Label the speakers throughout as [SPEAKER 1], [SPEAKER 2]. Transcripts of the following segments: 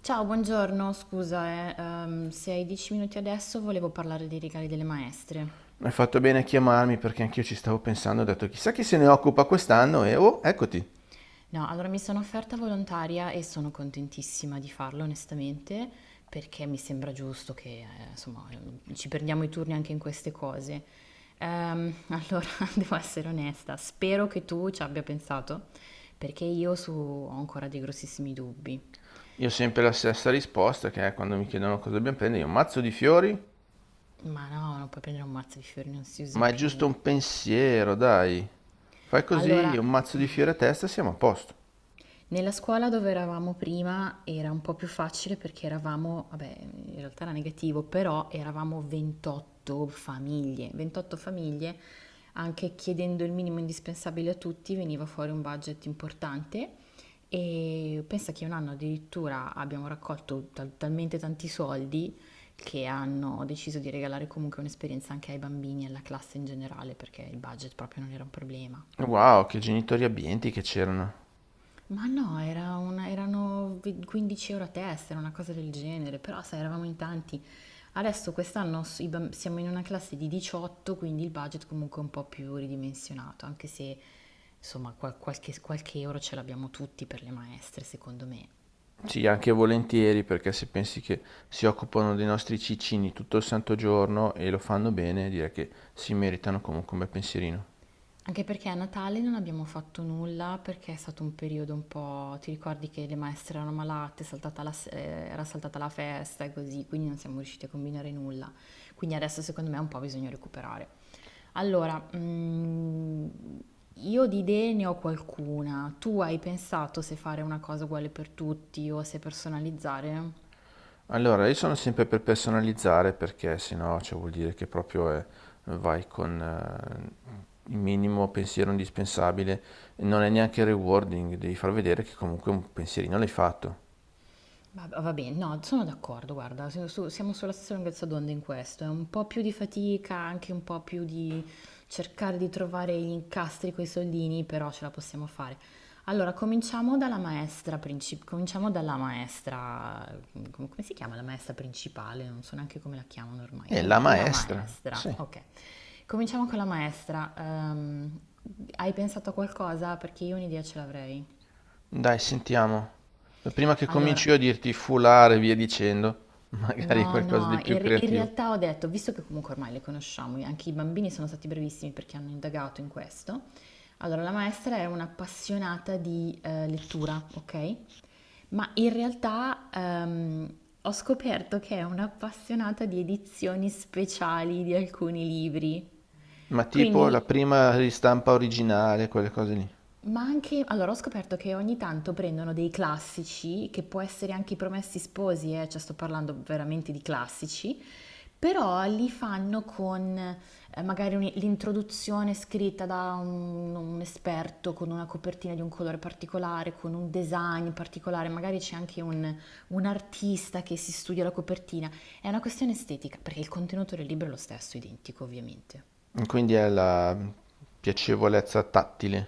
[SPEAKER 1] Ciao, buongiorno, scusa, se hai 10 minuti adesso volevo parlare dei regali delle maestre.
[SPEAKER 2] Hai fatto bene a chiamarmi perché anch'io ci stavo pensando, ho detto chissà chi se ne occupa quest'anno e oh, eccoti.
[SPEAKER 1] No, allora mi sono offerta volontaria e sono contentissima di farlo, onestamente, perché mi sembra giusto che, insomma, ci perdiamo i turni anche in queste cose. Allora, devo essere onesta, spero che tu ci abbia pensato, perché io ho ancora dei grossissimi dubbi.
[SPEAKER 2] Io ho sempre la stessa risposta che è quando mi chiedono cosa dobbiamo prendere, io un mazzo di fiori,
[SPEAKER 1] Ma no, non puoi prendere un mazzo di fiori, non si usa
[SPEAKER 2] ma è giusto
[SPEAKER 1] più.
[SPEAKER 2] un pensiero, dai. Fai così, un
[SPEAKER 1] Allora,
[SPEAKER 2] mazzo di fiori a testa, siamo a posto.
[SPEAKER 1] nella scuola dove eravamo prima era un po' più facile perché eravamo, vabbè, in realtà era negativo, però eravamo 28 famiglie, 28 famiglie, anche chiedendo il minimo indispensabile a tutti veniva fuori un budget importante e pensa che un anno addirittura abbiamo raccolto talmente tanti soldi che hanno deciso di regalare comunque un'esperienza anche ai bambini e alla classe in generale perché il budget proprio non era un problema.
[SPEAKER 2] Wow, che genitori abbienti che c'erano.
[SPEAKER 1] Ma no, era 15 € a testa, era una cosa del genere, però sai, eravamo in tanti. Adesso quest'anno siamo in una classe di 18, quindi il budget comunque è un po' più ridimensionato, anche se insomma qualche euro ce l'abbiamo tutti per le maestre, secondo me.
[SPEAKER 2] Sì, anche volentieri, perché se pensi che si occupano dei nostri ciccini tutto il santo giorno e lo fanno bene, direi che si meritano comunque un bel pensierino.
[SPEAKER 1] Anche perché a Natale non abbiamo fatto nulla perché è stato un periodo un po'. Ti ricordi che le maestre erano malate, è saltata la se- era saltata la festa e così, quindi non siamo riusciti a combinare nulla. Quindi adesso secondo me un po' bisogna recuperare. Allora, io di idee ne ho qualcuna. Tu hai pensato se fare una cosa uguale per tutti o se personalizzare?
[SPEAKER 2] Allora, io sono sempre per personalizzare perché sennò cioè, vuol dire che vai con il minimo pensiero indispensabile, non è neanche rewarding, devi far vedere che comunque un pensierino l'hai fatto.
[SPEAKER 1] Va bene, no, sono d'accordo, guarda, siamo sulla stessa lunghezza d'onda in questo, è un po' più di fatica, anche un po' più di cercare di trovare gli incastri coi soldini, però ce la possiamo fare. Allora, cominciamo dalla maestra principale, cominciamo dalla maestra, come si chiama la maestra principale? Non so neanche come la chiamano ormai.
[SPEAKER 2] E la
[SPEAKER 1] Comunque, la
[SPEAKER 2] maestra,
[SPEAKER 1] maestra,
[SPEAKER 2] sì.
[SPEAKER 1] ok. Cominciamo con la maestra. Hai pensato a qualcosa? Perché io un'idea ce l'avrei.
[SPEAKER 2] Dai, sentiamo. Prima che cominci
[SPEAKER 1] Allora,
[SPEAKER 2] io a dirti foulard e via dicendo, magari
[SPEAKER 1] no,
[SPEAKER 2] qualcosa di
[SPEAKER 1] no,
[SPEAKER 2] più
[SPEAKER 1] in
[SPEAKER 2] creativo.
[SPEAKER 1] realtà ho detto, visto che comunque ormai le conosciamo, anche i bambini sono stati bravissimi perché hanno indagato in questo. Allora, la maestra era un'appassionata di lettura, ok? Ma in realtà ho scoperto che è un'appassionata di edizioni speciali di alcuni libri.
[SPEAKER 2] Ma tipo la
[SPEAKER 1] Quindi
[SPEAKER 2] prima ristampa originale, quelle cose lì.
[SPEAKER 1] Ma anche, allora ho scoperto che ogni tanto prendono dei classici, che può essere anche i Promessi Sposi, cioè sto parlando veramente di classici, però li fanno con magari l'introduzione scritta da un esperto, con una copertina di un colore particolare, con un design particolare, magari c'è anche un artista che si studia la copertina. È una questione estetica, perché il contenuto del libro è lo stesso, identico ovviamente.
[SPEAKER 2] Quindi è la piacevolezza tattile.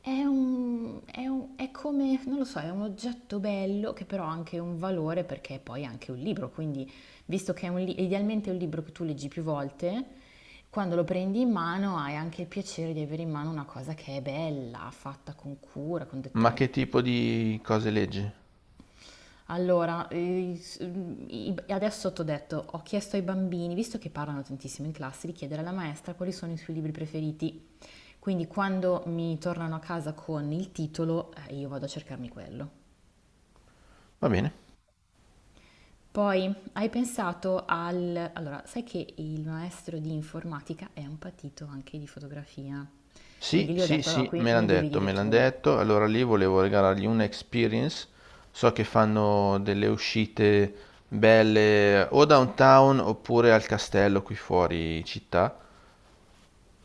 [SPEAKER 1] È come, non lo so, è un oggetto bello che però ha anche un valore perché è poi anche un libro, quindi visto che idealmente è un libro che tu leggi più volte, quando lo prendi in mano hai anche il piacere di avere in mano una cosa che è bella, fatta con cura, con
[SPEAKER 2] Ma che
[SPEAKER 1] dettagli.
[SPEAKER 2] tipo di cose leggi?
[SPEAKER 1] Allora, adesso t'ho detto, ho chiesto ai bambini, visto che parlano tantissimo in classe, di chiedere alla maestra quali sono i suoi libri preferiti. Quindi quando mi tornano a casa con il titolo, io vado a cercarmi quello.
[SPEAKER 2] Va bene.
[SPEAKER 1] Poi, hai pensato al. Allora, sai che il maestro di informatica è un patito anche di fotografia.
[SPEAKER 2] Sì,
[SPEAKER 1] Quindi gli ho
[SPEAKER 2] sì,
[SPEAKER 1] detto, allora,
[SPEAKER 2] sì,
[SPEAKER 1] qui
[SPEAKER 2] me l'han
[SPEAKER 1] mi devi
[SPEAKER 2] detto,
[SPEAKER 1] dire
[SPEAKER 2] me l'han
[SPEAKER 1] tu,
[SPEAKER 2] detto. Allora lì volevo regalargli una experience. So che fanno delle uscite belle o downtown oppure al castello qui fuori città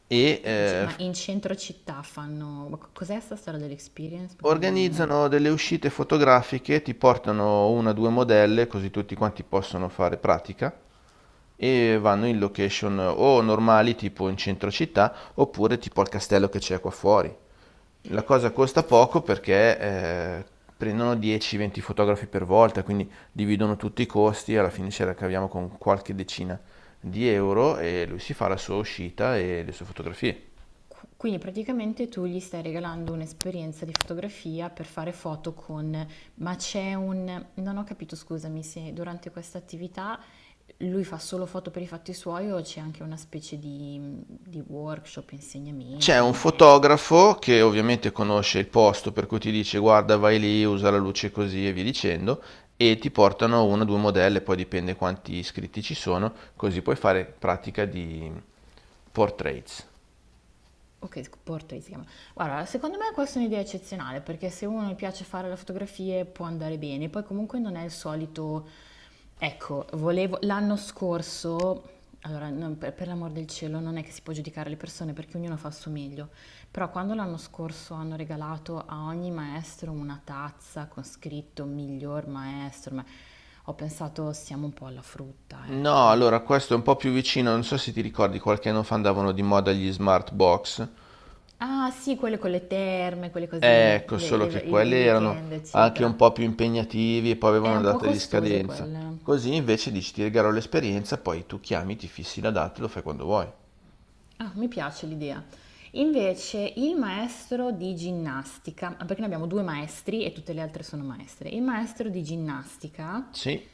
[SPEAKER 2] e eh,
[SPEAKER 1] ma
[SPEAKER 2] f-
[SPEAKER 1] in centro città fanno. Cos'è sta storia dell'experience? Perché non.
[SPEAKER 2] organizzano delle uscite fotografiche, ti portano una o due modelle così tutti quanti possono fare pratica e vanno in location o normali tipo in centro città oppure tipo al castello che c'è qua fuori. La cosa costa poco perché prendono 10-20 fotografi per volta, quindi dividono tutti i costi e alla fine ce la caviamo con qualche decina di euro e lui si fa la sua uscita e le sue fotografie.
[SPEAKER 1] Quindi praticamente tu gli stai regalando un'esperienza di fotografia per fare foto con, ma c'è un, non ho capito, scusami, se durante questa attività lui fa solo foto per i fatti suoi o c'è anche una specie di workshop,
[SPEAKER 2] C'è
[SPEAKER 1] insegnamento, un
[SPEAKER 2] un
[SPEAKER 1] maestro?
[SPEAKER 2] fotografo che ovviamente conosce il posto per cui ti dice guarda vai lì, usa la luce così e via dicendo e ti portano una o due modelle, poi dipende quanti iscritti ci sono, così puoi fare pratica di portraits.
[SPEAKER 1] Ok, portrait si chiama. Guarda, secondo me questa è un'idea eccezionale perché se uno gli piace fare le fotografie può andare bene, poi comunque non è il solito. Ecco, volevo. L'anno scorso, allora per l'amor del cielo non è che si può giudicare le persone perché ognuno fa il suo meglio, però quando l'anno scorso hanno regalato a ogni maestro una tazza con scritto miglior maestro, ma ho pensato siamo un po' alla frutta,
[SPEAKER 2] No,
[SPEAKER 1] ecco.
[SPEAKER 2] allora questo è un po' più vicino, non so se ti ricordi, qualche anno fa andavano di moda gli smart box.
[SPEAKER 1] Ah, sì, quelle con le terme, quelle cose lì,
[SPEAKER 2] Ecco,
[SPEAKER 1] le-
[SPEAKER 2] solo che
[SPEAKER 1] le- i, i
[SPEAKER 2] quelli erano
[SPEAKER 1] weekend,
[SPEAKER 2] anche
[SPEAKER 1] eccetera.
[SPEAKER 2] un po' più impegnativi e poi
[SPEAKER 1] È
[SPEAKER 2] avevano una
[SPEAKER 1] un po'
[SPEAKER 2] data di
[SPEAKER 1] costose
[SPEAKER 2] scadenza.
[SPEAKER 1] quelle.
[SPEAKER 2] Così invece dici ti regalo l'esperienza, poi tu chiami, ti fissi la data e lo fai quando vuoi.
[SPEAKER 1] Ah, mi piace l'idea. Invece, il maestro di ginnastica, ah, perché noi abbiamo due maestri e tutte le altre sono maestre. Il maestro di ginnastica.
[SPEAKER 2] Sì,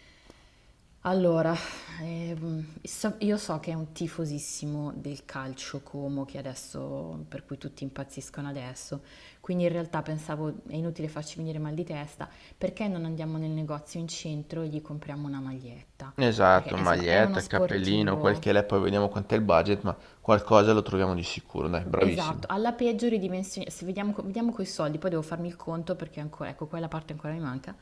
[SPEAKER 1] Allora, io so che è un tifosissimo del calcio Como, che adesso, per cui tutti impazziscono adesso, quindi in realtà pensavo è inutile farci venire mal di testa, perché non andiamo nel negozio in centro e gli compriamo una maglietta? Perché
[SPEAKER 2] esatto,
[SPEAKER 1] insomma è uno
[SPEAKER 2] maglietta, cappellino, quel che
[SPEAKER 1] sportivo.
[SPEAKER 2] l'è, poi vediamo quant'è il budget, ma qualcosa lo troviamo di sicuro, dai, bravissimo.
[SPEAKER 1] Esatto, alla peggio ridimensioni se vediamo, vediamo coi soldi, poi devo farmi il conto perché ancora, ecco, quella parte ancora mi manca.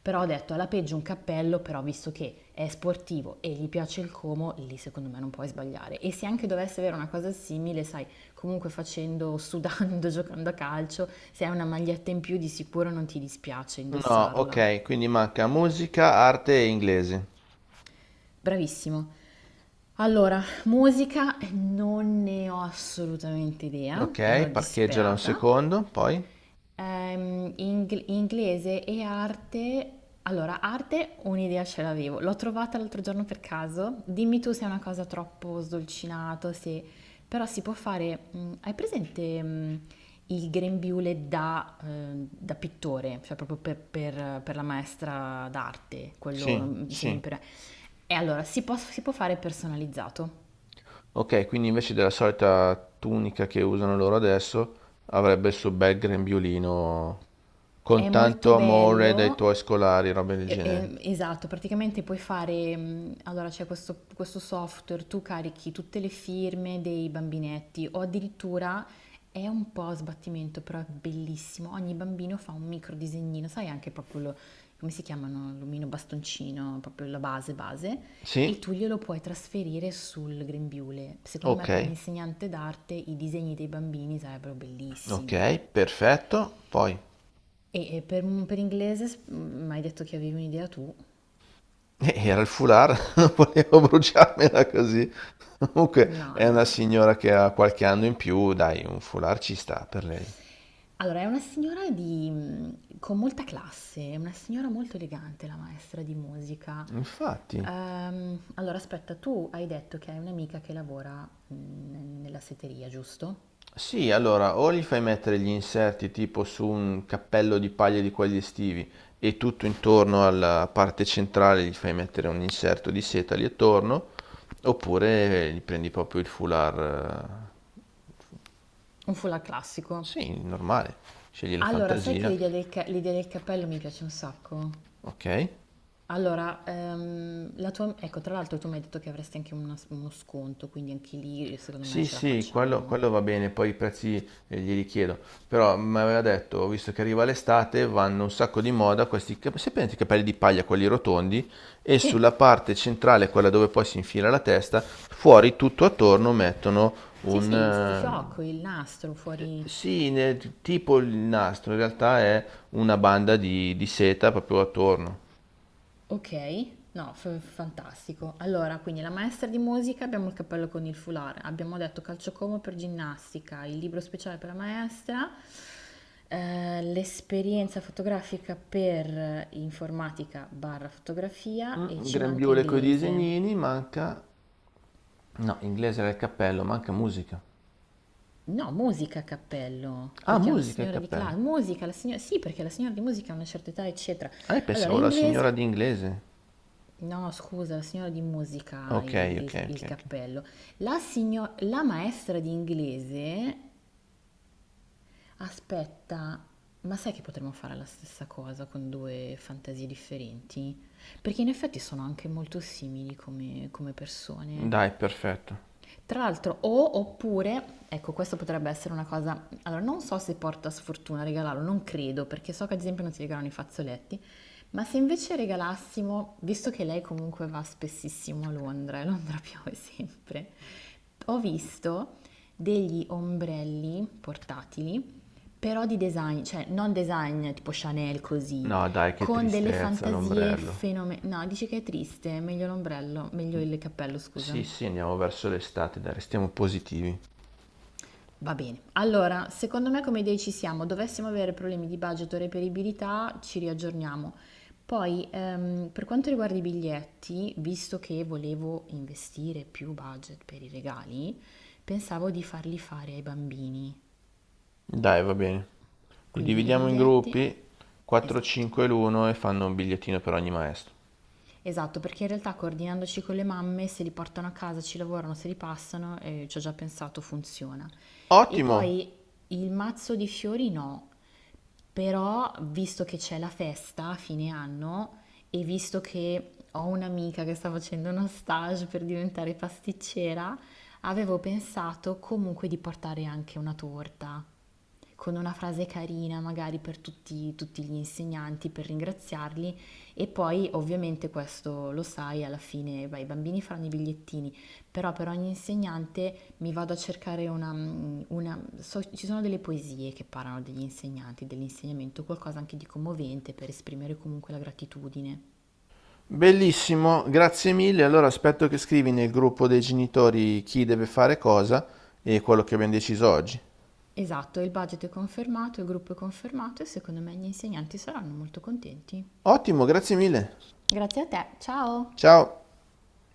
[SPEAKER 1] Però ho detto, alla peggio un cappello, però visto che è sportivo e gli piace il Como, lì secondo me non puoi sbagliare. E se anche dovesse avere una cosa simile, sai, comunque facendo, sudando, giocando a calcio, se hai una maglietta in più di sicuro non ti dispiace
[SPEAKER 2] No,
[SPEAKER 1] indossarla.
[SPEAKER 2] ok, quindi manca musica, arte e inglese.
[SPEAKER 1] Bravissimo. Allora, musica non ne ho assolutamente idea, cioè
[SPEAKER 2] Ok,
[SPEAKER 1] sono
[SPEAKER 2] parcheggiala un
[SPEAKER 1] disperata.
[SPEAKER 2] secondo, poi.
[SPEAKER 1] Inglese e arte. Allora, arte un'idea ce l'avevo. L'ho trovata l'altro giorno per caso. Dimmi tu se è una cosa troppo sdolcinato, se. Però si può fare. Hai presente il grembiule da pittore? Cioè proprio per la maestra d'arte, quello
[SPEAKER 2] Sì,
[SPEAKER 1] semi.
[SPEAKER 2] sì.
[SPEAKER 1] E allora, si può fare personalizzato.
[SPEAKER 2] Ok, quindi invece della solita tunica che usano loro adesso, avrebbe il suo bel grembiulino
[SPEAKER 1] È
[SPEAKER 2] con
[SPEAKER 1] molto
[SPEAKER 2] tanto amore dai
[SPEAKER 1] bello.
[SPEAKER 2] tuoi scolari, robe del genere.
[SPEAKER 1] Esatto, praticamente puoi fare, allora c'è questo software, tu carichi tutte le firme dei bambinetti o addirittura è un po' a sbattimento, però è bellissimo, ogni bambino fa un micro disegnino, sai anche proprio, come si chiamano, l'omino bastoncino, proprio la base base, e
[SPEAKER 2] Sì,
[SPEAKER 1] tu glielo puoi trasferire sul grembiule. Secondo me
[SPEAKER 2] ok,
[SPEAKER 1] per un insegnante d'arte i disegni dei bambini sarebbero bellissimi.
[SPEAKER 2] ok, perfetto. Poi
[SPEAKER 1] E per inglese, mi hai detto che avevi un'idea tu?
[SPEAKER 2] era il foulard, non volevo bruciarmela così. Comunque
[SPEAKER 1] No,
[SPEAKER 2] è una
[SPEAKER 1] no, no.
[SPEAKER 2] signora che ha qualche anno in più, dai, un foulard ci sta per lei.
[SPEAKER 1] Allora, è una signora con molta classe, è una signora molto elegante, la maestra di musica.
[SPEAKER 2] Infatti.
[SPEAKER 1] Allora, aspetta, tu hai detto che hai un'amica che lavora nella setteria, giusto?
[SPEAKER 2] Sì, allora, o gli fai mettere gli inserti tipo su un cappello di paglia di quelli estivi e tutto intorno alla parte centrale gli fai mettere un inserto di seta lì attorno, oppure gli prendi proprio il foulard,
[SPEAKER 1] Un foulard classico.
[SPEAKER 2] sì, normale, scegli la
[SPEAKER 1] Allora, sai che
[SPEAKER 2] fantasia,
[SPEAKER 1] l'idea del cappello mi piace un sacco?
[SPEAKER 2] ok?
[SPEAKER 1] Allora, la tua, ecco, tra l'altro tu mi hai detto che avresti anche uno sconto, quindi anche lì secondo me
[SPEAKER 2] Sì,
[SPEAKER 1] ce la
[SPEAKER 2] sì, quello,
[SPEAKER 1] facciamo.
[SPEAKER 2] quello va bene, poi i prezzi glieli chiedo. Però mi aveva detto, visto che arriva l'estate, vanno un sacco di moda questi, se prendete i capelli di paglia, quelli rotondi, e sulla
[SPEAKER 1] Sì,
[SPEAKER 2] parte centrale, quella dove poi si infila la testa, fuori tutto attorno mettono
[SPEAKER 1] sì, sì, il
[SPEAKER 2] un...
[SPEAKER 1] fiocco, il nastro fuori.
[SPEAKER 2] tipo il nastro, in realtà è una banda di seta proprio attorno.
[SPEAKER 1] Ok, no, fantastico. Allora, quindi la maestra di musica, abbiamo il cappello con il foulard, abbiamo detto calciocomo per ginnastica, il libro speciale per la maestra, l'esperienza fotografica per informatica barra fotografia e ci manca
[SPEAKER 2] Grembiule coi
[SPEAKER 1] inglese.
[SPEAKER 2] disegnini, manca... No, inglese era il cappello, manca musica.
[SPEAKER 1] No, musica a cappello,
[SPEAKER 2] Ah,
[SPEAKER 1] perché è una
[SPEAKER 2] musica e
[SPEAKER 1] signora di
[SPEAKER 2] cappello.
[SPEAKER 1] classe. Musica, la signora. Sì, perché la signora di musica ha una certa età, eccetera.
[SPEAKER 2] Ah, io
[SPEAKER 1] Allora,
[SPEAKER 2] pensavo la signora
[SPEAKER 1] inglese.
[SPEAKER 2] di inglese.
[SPEAKER 1] No, scusa, la signora di musica,
[SPEAKER 2] Ok,
[SPEAKER 1] il,
[SPEAKER 2] ok,
[SPEAKER 1] il-
[SPEAKER 2] ok,
[SPEAKER 1] il
[SPEAKER 2] ok.
[SPEAKER 1] cappello. La maestra di inglese, aspetta, ma sai che potremmo fare la stessa cosa con due fantasie differenti? Perché in effetti sono anche molto simili come persone.
[SPEAKER 2] Dai, perfetto.
[SPEAKER 1] Tra l'altro, o oppure, ecco, questo potrebbe essere una cosa. Allora, non so se porta sfortuna regalarlo, non credo, perché so che ad esempio non si regalano i fazzoletti. Ma se invece regalassimo, visto che lei comunque va spessissimo a Londra e Londra piove sempre, ho visto degli ombrelli portatili, però di design, cioè non design tipo Chanel così,
[SPEAKER 2] No, dai, che
[SPEAKER 1] con delle
[SPEAKER 2] tristezza
[SPEAKER 1] fantasie
[SPEAKER 2] l'ombrello.
[SPEAKER 1] fenomenali. No, dici che è triste, meglio l'ombrello, meglio il cappello, scusa.
[SPEAKER 2] Sì, sì, andiamo verso l'estate, dai, restiamo positivi.
[SPEAKER 1] Va bene, allora secondo me come idee ci siamo, dovessimo avere problemi di budget o reperibilità ci riaggiorniamo. Poi per quanto riguarda i biglietti, visto che volevo investire più budget per i regali, pensavo di farli fare ai bambini,
[SPEAKER 2] Dai, va bene. Li
[SPEAKER 1] quindi i
[SPEAKER 2] dividiamo in
[SPEAKER 1] biglietti,
[SPEAKER 2] gruppi, 4,
[SPEAKER 1] esatto.
[SPEAKER 2] 5 l'uno e fanno un bigliettino per ogni maestro.
[SPEAKER 1] Esatto, perché in realtà coordinandoci con le mamme, se li portano a casa, ci lavorano, se li passano, ci ho già pensato, funziona. E
[SPEAKER 2] Ottimo,
[SPEAKER 1] poi il mazzo di fiori no. Però, visto che c'è la festa a fine anno e visto che ho un'amica che sta facendo uno stage per diventare pasticcera, avevo pensato comunque di portare anche una torta con una frase carina magari per tutti, tutti gli insegnanti, per ringraziarli e poi ovviamente questo lo sai, alla fine beh, i bambini faranno i bigliettini, però per ogni insegnante mi vado a cercare una. Ci sono delle poesie che parlano degli insegnanti, dell'insegnamento, qualcosa anche di commovente per esprimere comunque la gratitudine.
[SPEAKER 2] bellissimo, grazie mille. Allora aspetto che scrivi nel gruppo dei genitori chi deve fare cosa e quello che abbiamo deciso oggi.
[SPEAKER 1] Esatto, il budget è confermato, il gruppo è confermato e secondo me gli insegnanti saranno molto contenti.
[SPEAKER 2] Ottimo, grazie mille.
[SPEAKER 1] Grazie a te, ciao!
[SPEAKER 2] Ciao.